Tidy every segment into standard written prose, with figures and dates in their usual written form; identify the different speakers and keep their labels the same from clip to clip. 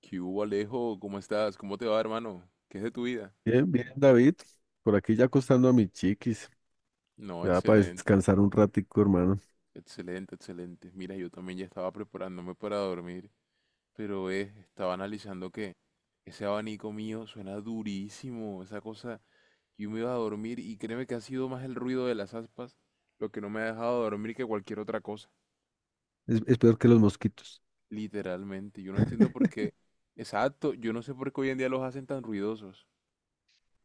Speaker 1: ¿Qué hubo, Alejo? ¿Cómo estás? ¿Cómo te va, hermano? ¿Qué es de tu vida?
Speaker 2: Bien, bien, David. Por aquí ya acostando a mis chiquis.
Speaker 1: No,
Speaker 2: Ya para
Speaker 1: excelente,
Speaker 2: descansar un ratico, hermano.
Speaker 1: excelente, excelente. Mira, yo también ya estaba preparándome para dormir, pero estaba analizando que ese abanico mío suena durísimo, esa cosa. Yo me iba a dormir y créeme que ha sido más el ruido de las aspas lo que no me ha dejado dormir que cualquier otra cosa.
Speaker 2: Es peor que los mosquitos.
Speaker 1: Literalmente, yo no entiendo por qué. Exacto, yo no sé por qué hoy en día los hacen tan ruidosos.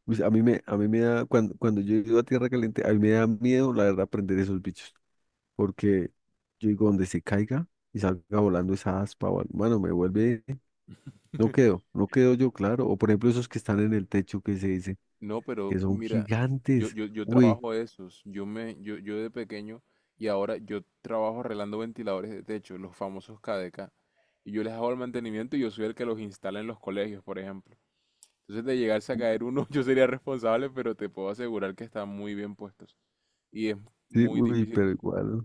Speaker 2: Pues a mí me da, cuando yo he ido a tierra caliente, a mí me da miedo, la verdad, prender esos bichos. Porque yo digo, donde se caiga y salga volando esa aspa, o algo, mano, me vuelve, no quedo yo, claro. O por ejemplo, esos que están en el techo que se dice,
Speaker 1: No, pero
Speaker 2: que son
Speaker 1: mira, yo,
Speaker 2: gigantes.
Speaker 1: yo, yo
Speaker 2: Uy,
Speaker 1: trabajo esos. Yo de pequeño y ahora yo trabajo arreglando ventiladores de techo, los famosos KDK. Y yo les hago el mantenimiento y yo soy el que los instala en los colegios, por ejemplo. Entonces, de llegarse a caer uno, yo sería responsable, pero te puedo asegurar que están muy bien puestos. Y es
Speaker 2: sí,
Speaker 1: muy
Speaker 2: uy,
Speaker 1: difícil.
Speaker 2: pero igual.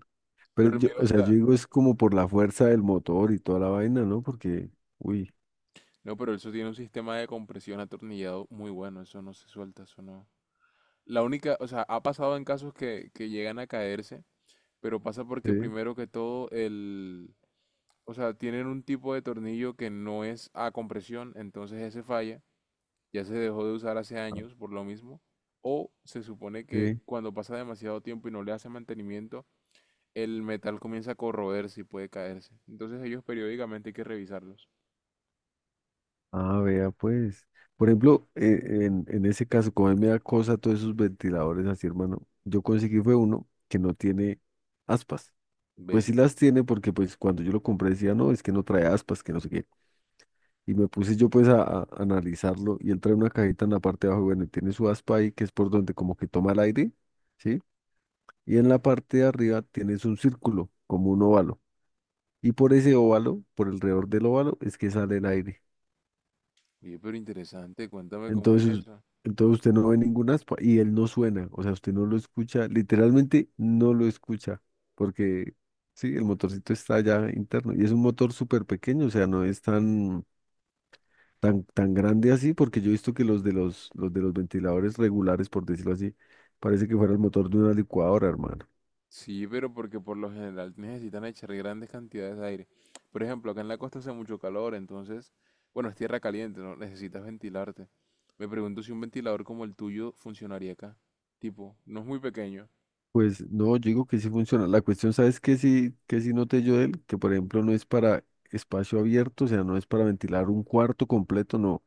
Speaker 2: Pero
Speaker 1: Pero el
Speaker 2: yo,
Speaker 1: miedo
Speaker 2: o sea, yo
Speaker 1: está.
Speaker 2: digo es como por la fuerza del motor y toda la vaina, ¿no? Porque, uy,
Speaker 1: No, pero eso tiene un sistema de compresión atornillado muy bueno. Eso no se suelta, eso no. La única, o sea, ha pasado en casos que llegan a caerse. Pero pasa porque
Speaker 2: sí,
Speaker 1: primero que todo el, o sea, tienen un tipo de tornillo que no es a compresión, entonces ese falla, ya se dejó de usar hace
Speaker 2: ah,
Speaker 1: años por lo mismo, o se supone que
Speaker 2: sí.
Speaker 1: cuando pasa demasiado tiempo y no le hace mantenimiento, el metal comienza a corroerse y puede caerse. Entonces ellos periódicamente hay que revisarlos.
Speaker 2: Ah, vea, pues. Por ejemplo, en ese caso, como a mí me da cosa todos esos ventiladores así, hermano, yo conseguí fue uno que no tiene aspas. Pues
Speaker 1: Ve,
Speaker 2: sí las tiene porque pues cuando yo lo compré decía, no, es que no trae aspas, que no sé qué. Y me puse yo pues a analizarlo y él trae una cajita en la parte de abajo, bueno, y tiene su aspa ahí que es por donde como que toma el aire, ¿sí? Y en la parte de arriba tienes un círculo, como un óvalo. Y por ese óvalo, por alrededor del óvalo, es que sale el aire.
Speaker 1: oye, pero interesante, cuéntame cómo es
Speaker 2: Entonces,
Speaker 1: eso.
Speaker 2: entonces usted no ve ningún aspa y él no suena, o sea, usted no lo escucha, literalmente no lo escucha, porque sí, el motorcito está allá interno y es un motor súper pequeño, o sea, no es tan, tan grande así, porque yo he visto que los de los ventiladores regulares, por decirlo así, parece que fuera el motor de una licuadora, hermano.
Speaker 1: Sí, pero porque por lo general necesitan echar grandes cantidades de aire. Por ejemplo, acá en la costa hace mucho calor, entonces, bueno, es tierra caliente, ¿no? Necesitas ventilarte. Me pregunto si un ventilador como el tuyo funcionaría acá. Tipo, no es muy pequeño.
Speaker 2: Pues no, yo digo que sí funciona. La cuestión, ¿sabes qué sí noté yo de él? Que por ejemplo no es para espacio abierto, o sea, no es para ventilar un cuarto completo, no.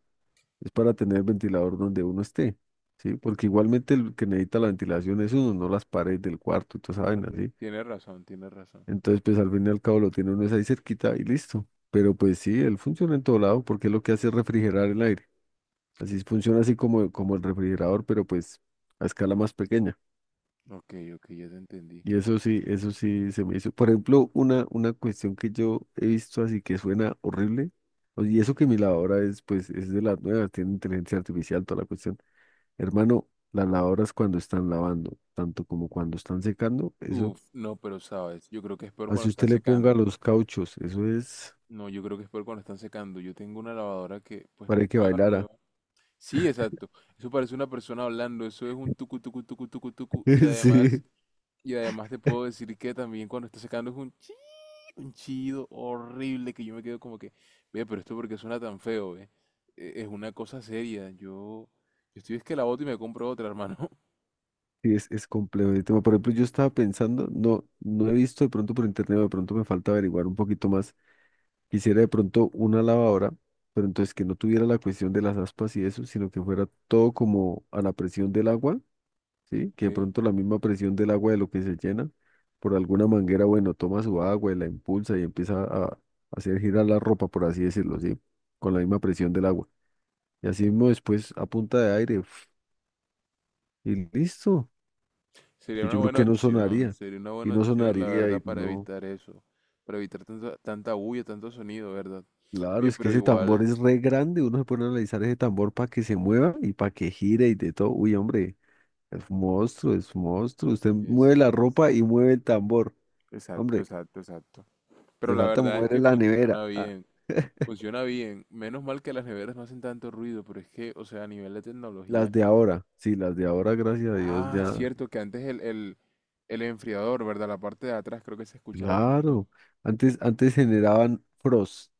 Speaker 2: Es para tener ventilador donde uno esté, ¿sí? Porque igualmente el que necesita la ventilación es uno, no las paredes del cuarto y toda esa
Speaker 1: Bueno,
Speaker 2: vaina, ¿sí?
Speaker 1: tienes razón, tienes razón.
Speaker 2: Entonces, pues al fin y al cabo lo tiene uno es ahí cerquita y listo. Pero pues sí, él funciona en todo lado porque lo que hace es refrigerar el aire. Así funciona así como, como el refrigerador, pero pues a escala más pequeña.
Speaker 1: Ok, ok, ya te entendí.
Speaker 2: Y eso sí se me hizo. Por ejemplo, una cuestión que yo he visto así que suena horrible, y eso que mi lavadora es, pues, es de las nuevas, tiene inteligencia artificial, toda la cuestión. Hermano, las lavadoras cuando están lavando, tanto como cuando están secando, eso,
Speaker 1: Uf, no, pero sabes, yo creo que es peor cuando
Speaker 2: así
Speaker 1: están
Speaker 2: usted le ponga
Speaker 1: secando.
Speaker 2: los cauchos, eso es
Speaker 1: No, yo creo que es peor cuando están secando. Yo tengo una lavadora que, pues, no
Speaker 2: para
Speaker 1: es
Speaker 2: que
Speaker 1: nueva, nueva.
Speaker 2: bailara.
Speaker 1: Sí, exacto. Eso parece una persona hablando, eso es un tucu tucu tucu tucu tucu y además.
Speaker 2: Sí,
Speaker 1: Y además te puedo decir que también cuando está sacando es un un chido horrible que yo me quedo como que, ve, pero esto porque suena tan feo, ve. Es una cosa seria. Yo estoy es que la boto y me compro otra, hermano.
Speaker 2: sí, es complejo el tema. Por ejemplo, yo estaba pensando, no he visto de pronto por internet, o de pronto me falta averiguar un poquito más. Quisiera de pronto una lavadora, pero entonces que no tuviera la cuestión de las aspas y eso, sino que fuera todo como a la presión del agua, ¿sí?
Speaker 1: ¿Ok?
Speaker 2: Que de pronto la misma presión del agua de lo que se llena por alguna manguera, bueno, toma su agua y la impulsa y empieza a hacer girar la ropa, por así decirlo, ¿sí? Con la misma presión del agua. Y así mismo después a punta de aire, ¡fuf! Y listo,
Speaker 1: Sería
Speaker 2: que
Speaker 1: una
Speaker 2: yo creo
Speaker 1: buena
Speaker 2: que no
Speaker 1: opción,
Speaker 2: sonaría,
Speaker 1: sería una
Speaker 2: y
Speaker 1: buena
Speaker 2: no
Speaker 1: opción, la
Speaker 2: sonaría
Speaker 1: verdad,
Speaker 2: y
Speaker 1: para
Speaker 2: no.
Speaker 1: evitar eso. Para evitar tanta, tanta bulla, tanto sonido, ¿verdad?
Speaker 2: Claro,
Speaker 1: Oye,
Speaker 2: es que
Speaker 1: pero
Speaker 2: ese tambor
Speaker 1: igual
Speaker 2: es re grande, uno se pone a analizar ese tambor para que se mueva y para que gire y de todo. Uy, hombre, es un monstruo, es un monstruo. Usted mueve
Speaker 1: es,
Speaker 2: la
Speaker 1: es...
Speaker 2: ropa y mueve el tambor.
Speaker 1: Exacto,
Speaker 2: Hombre,
Speaker 1: exacto, exacto. Pero
Speaker 2: le
Speaker 1: la
Speaker 2: falta
Speaker 1: verdad es
Speaker 2: mover
Speaker 1: que
Speaker 2: la nevera.
Speaker 1: funciona
Speaker 2: Ah,
Speaker 1: bien. Funciona bien. Menos mal que las neveras no hacen tanto ruido, pero es que, o sea, a nivel de
Speaker 2: las
Speaker 1: tecnología.
Speaker 2: de ahora, sí, las de ahora, gracias a Dios,
Speaker 1: Ah,
Speaker 2: ya.
Speaker 1: cierto que antes el enfriador, ¿verdad? La parte de atrás creo que se escuchaba un montón.
Speaker 2: Claro, antes, antes generaban frost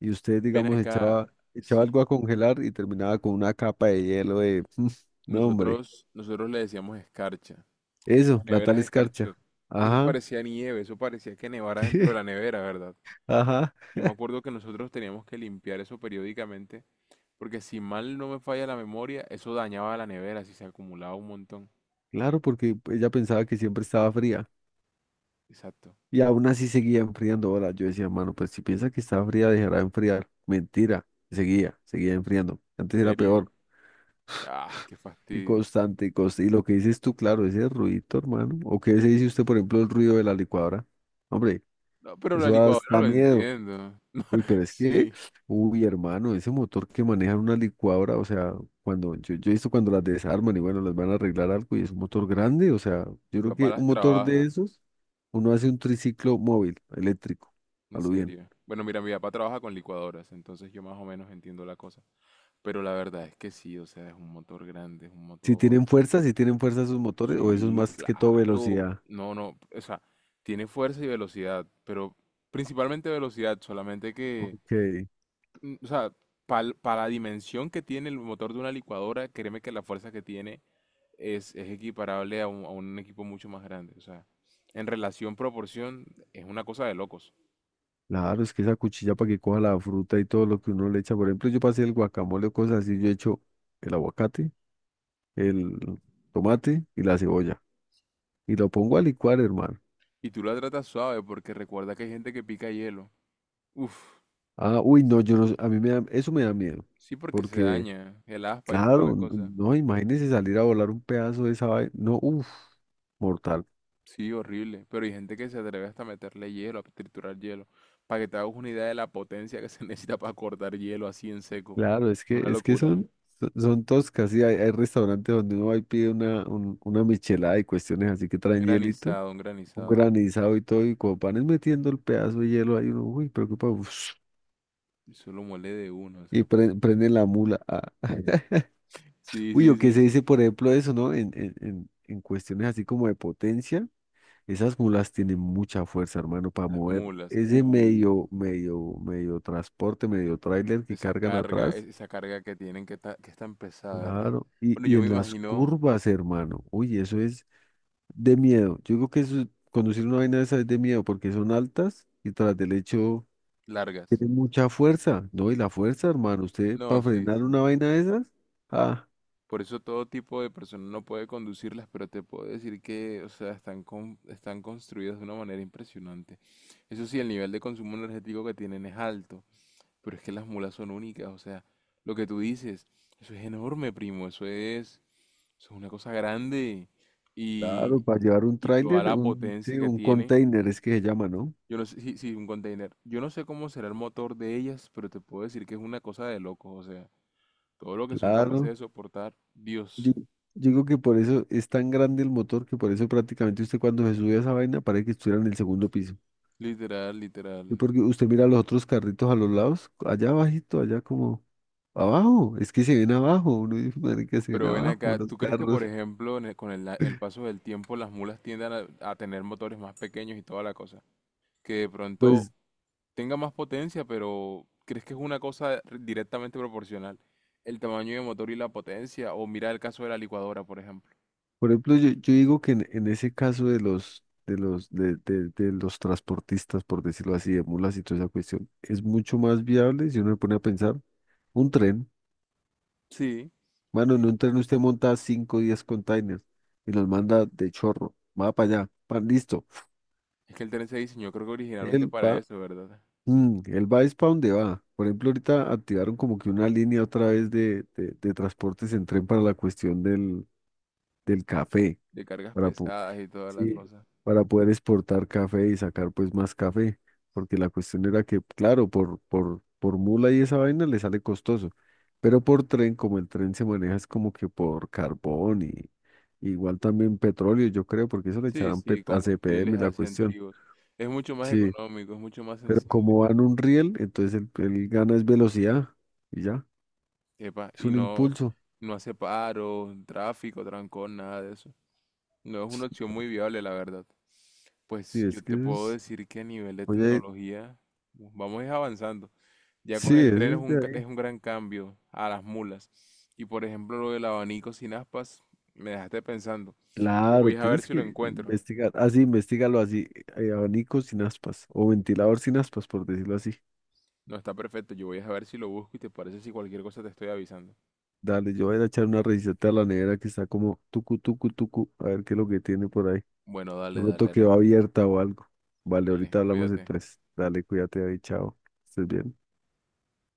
Speaker 2: y usted,
Speaker 1: Ven
Speaker 2: digamos,
Speaker 1: acá,
Speaker 2: echaba, echaba
Speaker 1: sí,
Speaker 2: algo a congelar y terminaba con una capa de hielo de No, hombre,
Speaker 1: nosotros le decíamos escarcha.
Speaker 2: eso,
Speaker 1: Las
Speaker 2: la
Speaker 1: neveras
Speaker 2: tal
Speaker 1: escarchot.
Speaker 2: escarcha.
Speaker 1: Eso
Speaker 2: Ajá,
Speaker 1: parecía nieve, eso parecía que nevara dentro de la nevera, ¿verdad?
Speaker 2: ajá.
Speaker 1: Yo me acuerdo que nosotros teníamos que limpiar eso periódicamente, porque si mal no me falla la memoria, eso dañaba la nevera si se acumulaba un montón.
Speaker 2: Claro, porque ella pensaba que siempre estaba fría
Speaker 1: Exacto.
Speaker 2: y aún así seguía enfriando. Ahora yo decía, mano, pues si piensa que estaba fría, dejará de enfriar. Mentira, seguía enfriando.
Speaker 1: En
Speaker 2: Antes era
Speaker 1: serio.
Speaker 2: peor
Speaker 1: Ah, qué
Speaker 2: y
Speaker 1: fastidio.
Speaker 2: constante y constante. Y lo que dices tú, claro, ese ruidito, hermano. ¿O qué se dice usted, por ejemplo, el ruido de la licuadora? Hombre,
Speaker 1: No, pero la
Speaker 2: eso da,
Speaker 1: licuadora
Speaker 2: da
Speaker 1: lo
Speaker 2: miedo.
Speaker 1: entiendo.
Speaker 2: Uy, pero es que,
Speaker 1: Sí,
Speaker 2: uy, hermano, ese motor que manejan una licuadora, o sea, cuando yo he visto cuando las desarman y bueno, les van a arreglar algo y es un motor grande, o sea,
Speaker 1: mi
Speaker 2: yo creo
Speaker 1: papá
Speaker 2: que
Speaker 1: las
Speaker 2: un motor de
Speaker 1: trabaja,
Speaker 2: esos. Uno hace un triciclo móvil, eléctrico, a
Speaker 1: en
Speaker 2: lo bien.
Speaker 1: serio. Bueno, mira, mi papá trabaja con licuadoras, entonces yo más o menos entiendo la cosa. Pero la verdad es que sí, o sea, es un motor grande, es un
Speaker 2: Si
Speaker 1: motor.
Speaker 2: tienen fuerza, si tienen fuerza sus motores, o eso es
Speaker 1: Sí,
Speaker 2: más que todo
Speaker 1: claro.
Speaker 2: velocidad.
Speaker 1: No, no, o sea, tiene fuerza y velocidad, pero principalmente velocidad, solamente que,
Speaker 2: Ok.
Speaker 1: o sea, para la dimensión que tiene el motor de una licuadora, créeme que la fuerza que tiene es equiparable a un equipo mucho más grande. O sea, en relación proporción es una cosa de locos.
Speaker 2: Claro, es que esa cuchilla para que coja la fruta y todo lo que uno le echa. Por ejemplo, yo pasé el guacamole o cosas así, yo echo el aguacate, el tomate y la cebolla. Y lo pongo a licuar, hermano.
Speaker 1: Y tú la tratas suave porque recuerda que hay gente que pica hielo. Uf,
Speaker 2: Ah, uy, no, yo no, sé, a mí me da, eso me da miedo.
Speaker 1: sí porque se
Speaker 2: Porque,
Speaker 1: daña el aspa y toda la
Speaker 2: claro,
Speaker 1: cosa.
Speaker 2: no, imagínese salir a volar un pedazo de esa vaina. No, uff, mortal.
Speaker 1: Sí, horrible. Pero hay gente que se atreve hasta a meterle hielo, a triturar hielo. Para que te hagas una idea de la potencia que se necesita para cortar hielo así en seco.
Speaker 2: Claro,
Speaker 1: Es una
Speaker 2: es que
Speaker 1: locura.
Speaker 2: son, son son toscas, sí, hay restaurantes donde uno va y pide una, una michelada y cuestiones así que
Speaker 1: Un
Speaker 2: traen hielito,
Speaker 1: granizado, un
Speaker 2: un
Speaker 1: granizado.
Speaker 2: granizado y todo, y como van es metiendo el pedazo de hielo ahí, uno, uy, preocupa,
Speaker 1: Eso lo muele de uno, o sea,
Speaker 2: y prenden la mula. Ah.
Speaker 1: sí,
Speaker 2: Uy,
Speaker 1: sí,
Speaker 2: o qué
Speaker 1: sí,
Speaker 2: se
Speaker 1: sí.
Speaker 2: dice, por ejemplo, eso, ¿no? En cuestiones así como de potencia, esas mulas tienen mucha fuerza, hermano, para
Speaker 1: Las
Speaker 2: mover
Speaker 1: mulas.
Speaker 2: ese medio, medio, medio transporte, medio tráiler que
Speaker 1: Esa
Speaker 2: cargan
Speaker 1: carga,
Speaker 2: atrás.
Speaker 1: esa carga que tienen que, está que es tan pesada, ¿verdad?
Speaker 2: Claro,
Speaker 1: Bueno,
Speaker 2: y
Speaker 1: yo me
Speaker 2: en las
Speaker 1: imagino
Speaker 2: curvas, hermano. Uy, eso es de miedo. Yo creo que eso, conducir una vaina de esa es de miedo porque son altas y tras del hecho
Speaker 1: largas.
Speaker 2: tiene mucha fuerza. No, y
Speaker 1: Sí,
Speaker 2: la
Speaker 1: sí.
Speaker 2: fuerza, hermano, usted
Speaker 1: No,
Speaker 2: para
Speaker 1: sí,
Speaker 2: frenar
Speaker 1: sí.
Speaker 2: una vaina de esas, ah,
Speaker 1: Por eso todo tipo de persona no puede conducirlas, pero te puedo decir que, o sea, están, están construidas de una manera impresionante. Eso sí, el nivel de consumo energético que tienen es alto, pero es que las mulas son únicas, o sea, lo que tú dices, eso es enorme, primo, eso es una cosa grande y,
Speaker 2: claro, para llevar un
Speaker 1: y toda
Speaker 2: tráiler,
Speaker 1: la
Speaker 2: un,
Speaker 1: potencia
Speaker 2: sí,
Speaker 1: que
Speaker 2: un
Speaker 1: tiene.
Speaker 2: container es que se llama, ¿no?
Speaker 1: Yo no sé, sí, sí, un container. Yo no sé cómo será el motor de ellas, pero te puedo decir que es una cosa de locos. O sea, todo lo que son capaces
Speaker 2: Claro.
Speaker 1: de soportar,
Speaker 2: Yo,
Speaker 1: Dios.
Speaker 2: yo creo que por eso es tan grande el motor que por eso prácticamente usted cuando se sube a esa vaina parece que estuviera en el segundo piso.
Speaker 1: Literal,
Speaker 2: Sí,
Speaker 1: literal.
Speaker 2: porque usted mira los otros carritos a los lados, allá abajito, allá como abajo, es que se ven abajo, uno dice, marica, se ven
Speaker 1: Pero ven
Speaker 2: abajo
Speaker 1: acá,
Speaker 2: los
Speaker 1: ¿tú crees que,
Speaker 2: carros.
Speaker 1: por ejemplo, con el paso del tiempo las mulas tiendan a tener motores más pequeños y toda la cosa? Que de pronto
Speaker 2: Pues,
Speaker 1: tenga más potencia, pero ¿crees que es una cosa directamente proporcional? El tamaño de motor y la potencia. O mira el caso de la licuadora, por ejemplo.
Speaker 2: por ejemplo, yo digo que en ese caso de los, de los, de, de los transportistas, por decirlo así, de mulas y toda esa cuestión, es mucho más viable, si uno se pone a pensar, un tren.
Speaker 1: Sí.
Speaker 2: Mano, en
Speaker 1: Sí.
Speaker 2: un tren usted monta 5 o 10 containers y los manda de chorro, va para allá, pa, listo.
Speaker 1: Es que el tren se diseñó, creo que originalmente
Speaker 2: Él
Speaker 1: para
Speaker 2: va,
Speaker 1: eso, ¿verdad?
Speaker 2: mm, él va es para donde va. Por ejemplo, ahorita activaron como que una línea otra vez de, de transportes en tren para la cuestión del del café
Speaker 1: De cargas
Speaker 2: para,
Speaker 1: pesadas y toda la
Speaker 2: sí,
Speaker 1: cosa.
Speaker 2: para poder exportar café y sacar pues más café, porque la cuestión era que, claro, por mula y esa vaina le sale costoso, pero por tren, como el tren se maneja es como que por carbón y igual también petróleo, yo creo, porque eso le
Speaker 1: Sí,
Speaker 2: echarán
Speaker 1: sí,
Speaker 2: a CPM
Speaker 1: combustibles
Speaker 2: y la
Speaker 1: así
Speaker 2: cuestión,
Speaker 1: antiguos. Es mucho más
Speaker 2: sí,
Speaker 1: económico, es mucho más
Speaker 2: pero
Speaker 1: sensible.
Speaker 2: como van un riel, entonces el gana es velocidad y ya,
Speaker 1: Epa,
Speaker 2: es
Speaker 1: y
Speaker 2: un
Speaker 1: no,
Speaker 2: impulso.
Speaker 1: no hace paro, tráfico, trancón, nada de eso. No es una opción muy viable, la verdad.
Speaker 2: Sí,
Speaker 1: Pues
Speaker 2: es
Speaker 1: yo
Speaker 2: que
Speaker 1: te
Speaker 2: eso
Speaker 1: puedo
Speaker 2: es,
Speaker 1: decir que a nivel de
Speaker 2: oye,
Speaker 1: tecnología vamos a ir avanzando. Ya con
Speaker 2: sí,
Speaker 1: el
Speaker 2: eso
Speaker 1: tren es
Speaker 2: es de
Speaker 1: un,
Speaker 2: ahí.
Speaker 1: es un gran cambio a las mulas. Y por ejemplo, lo del abanico sin aspas, me dejaste pensando. Yo
Speaker 2: Claro,
Speaker 1: voy a ver
Speaker 2: tienes
Speaker 1: si lo
Speaker 2: que
Speaker 1: encuentro.
Speaker 2: investigar. Así, investigalo así. Eh, abanico sin aspas o ventilador sin aspas, por decirlo así.
Speaker 1: No, está perfecto. Yo voy a ver si lo busco y te parece si cualquier cosa te estoy avisando.
Speaker 2: Dale, yo voy a ir a echar una revisada a la nevera que está como tucu, tucu, tucu. A ver qué es lo que tiene por ahí.
Speaker 1: Bueno,
Speaker 2: De
Speaker 1: dale,
Speaker 2: pronto
Speaker 1: dale,
Speaker 2: quedó
Speaker 1: Alejo.
Speaker 2: abierta o algo. Vale,
Speaker 1: Dale,
Speaker 2: ahorita hablamos
Speaker 1: cuídate.
Speaker 2: entonces. Dale, cuídate ahí, chao. Estés bien.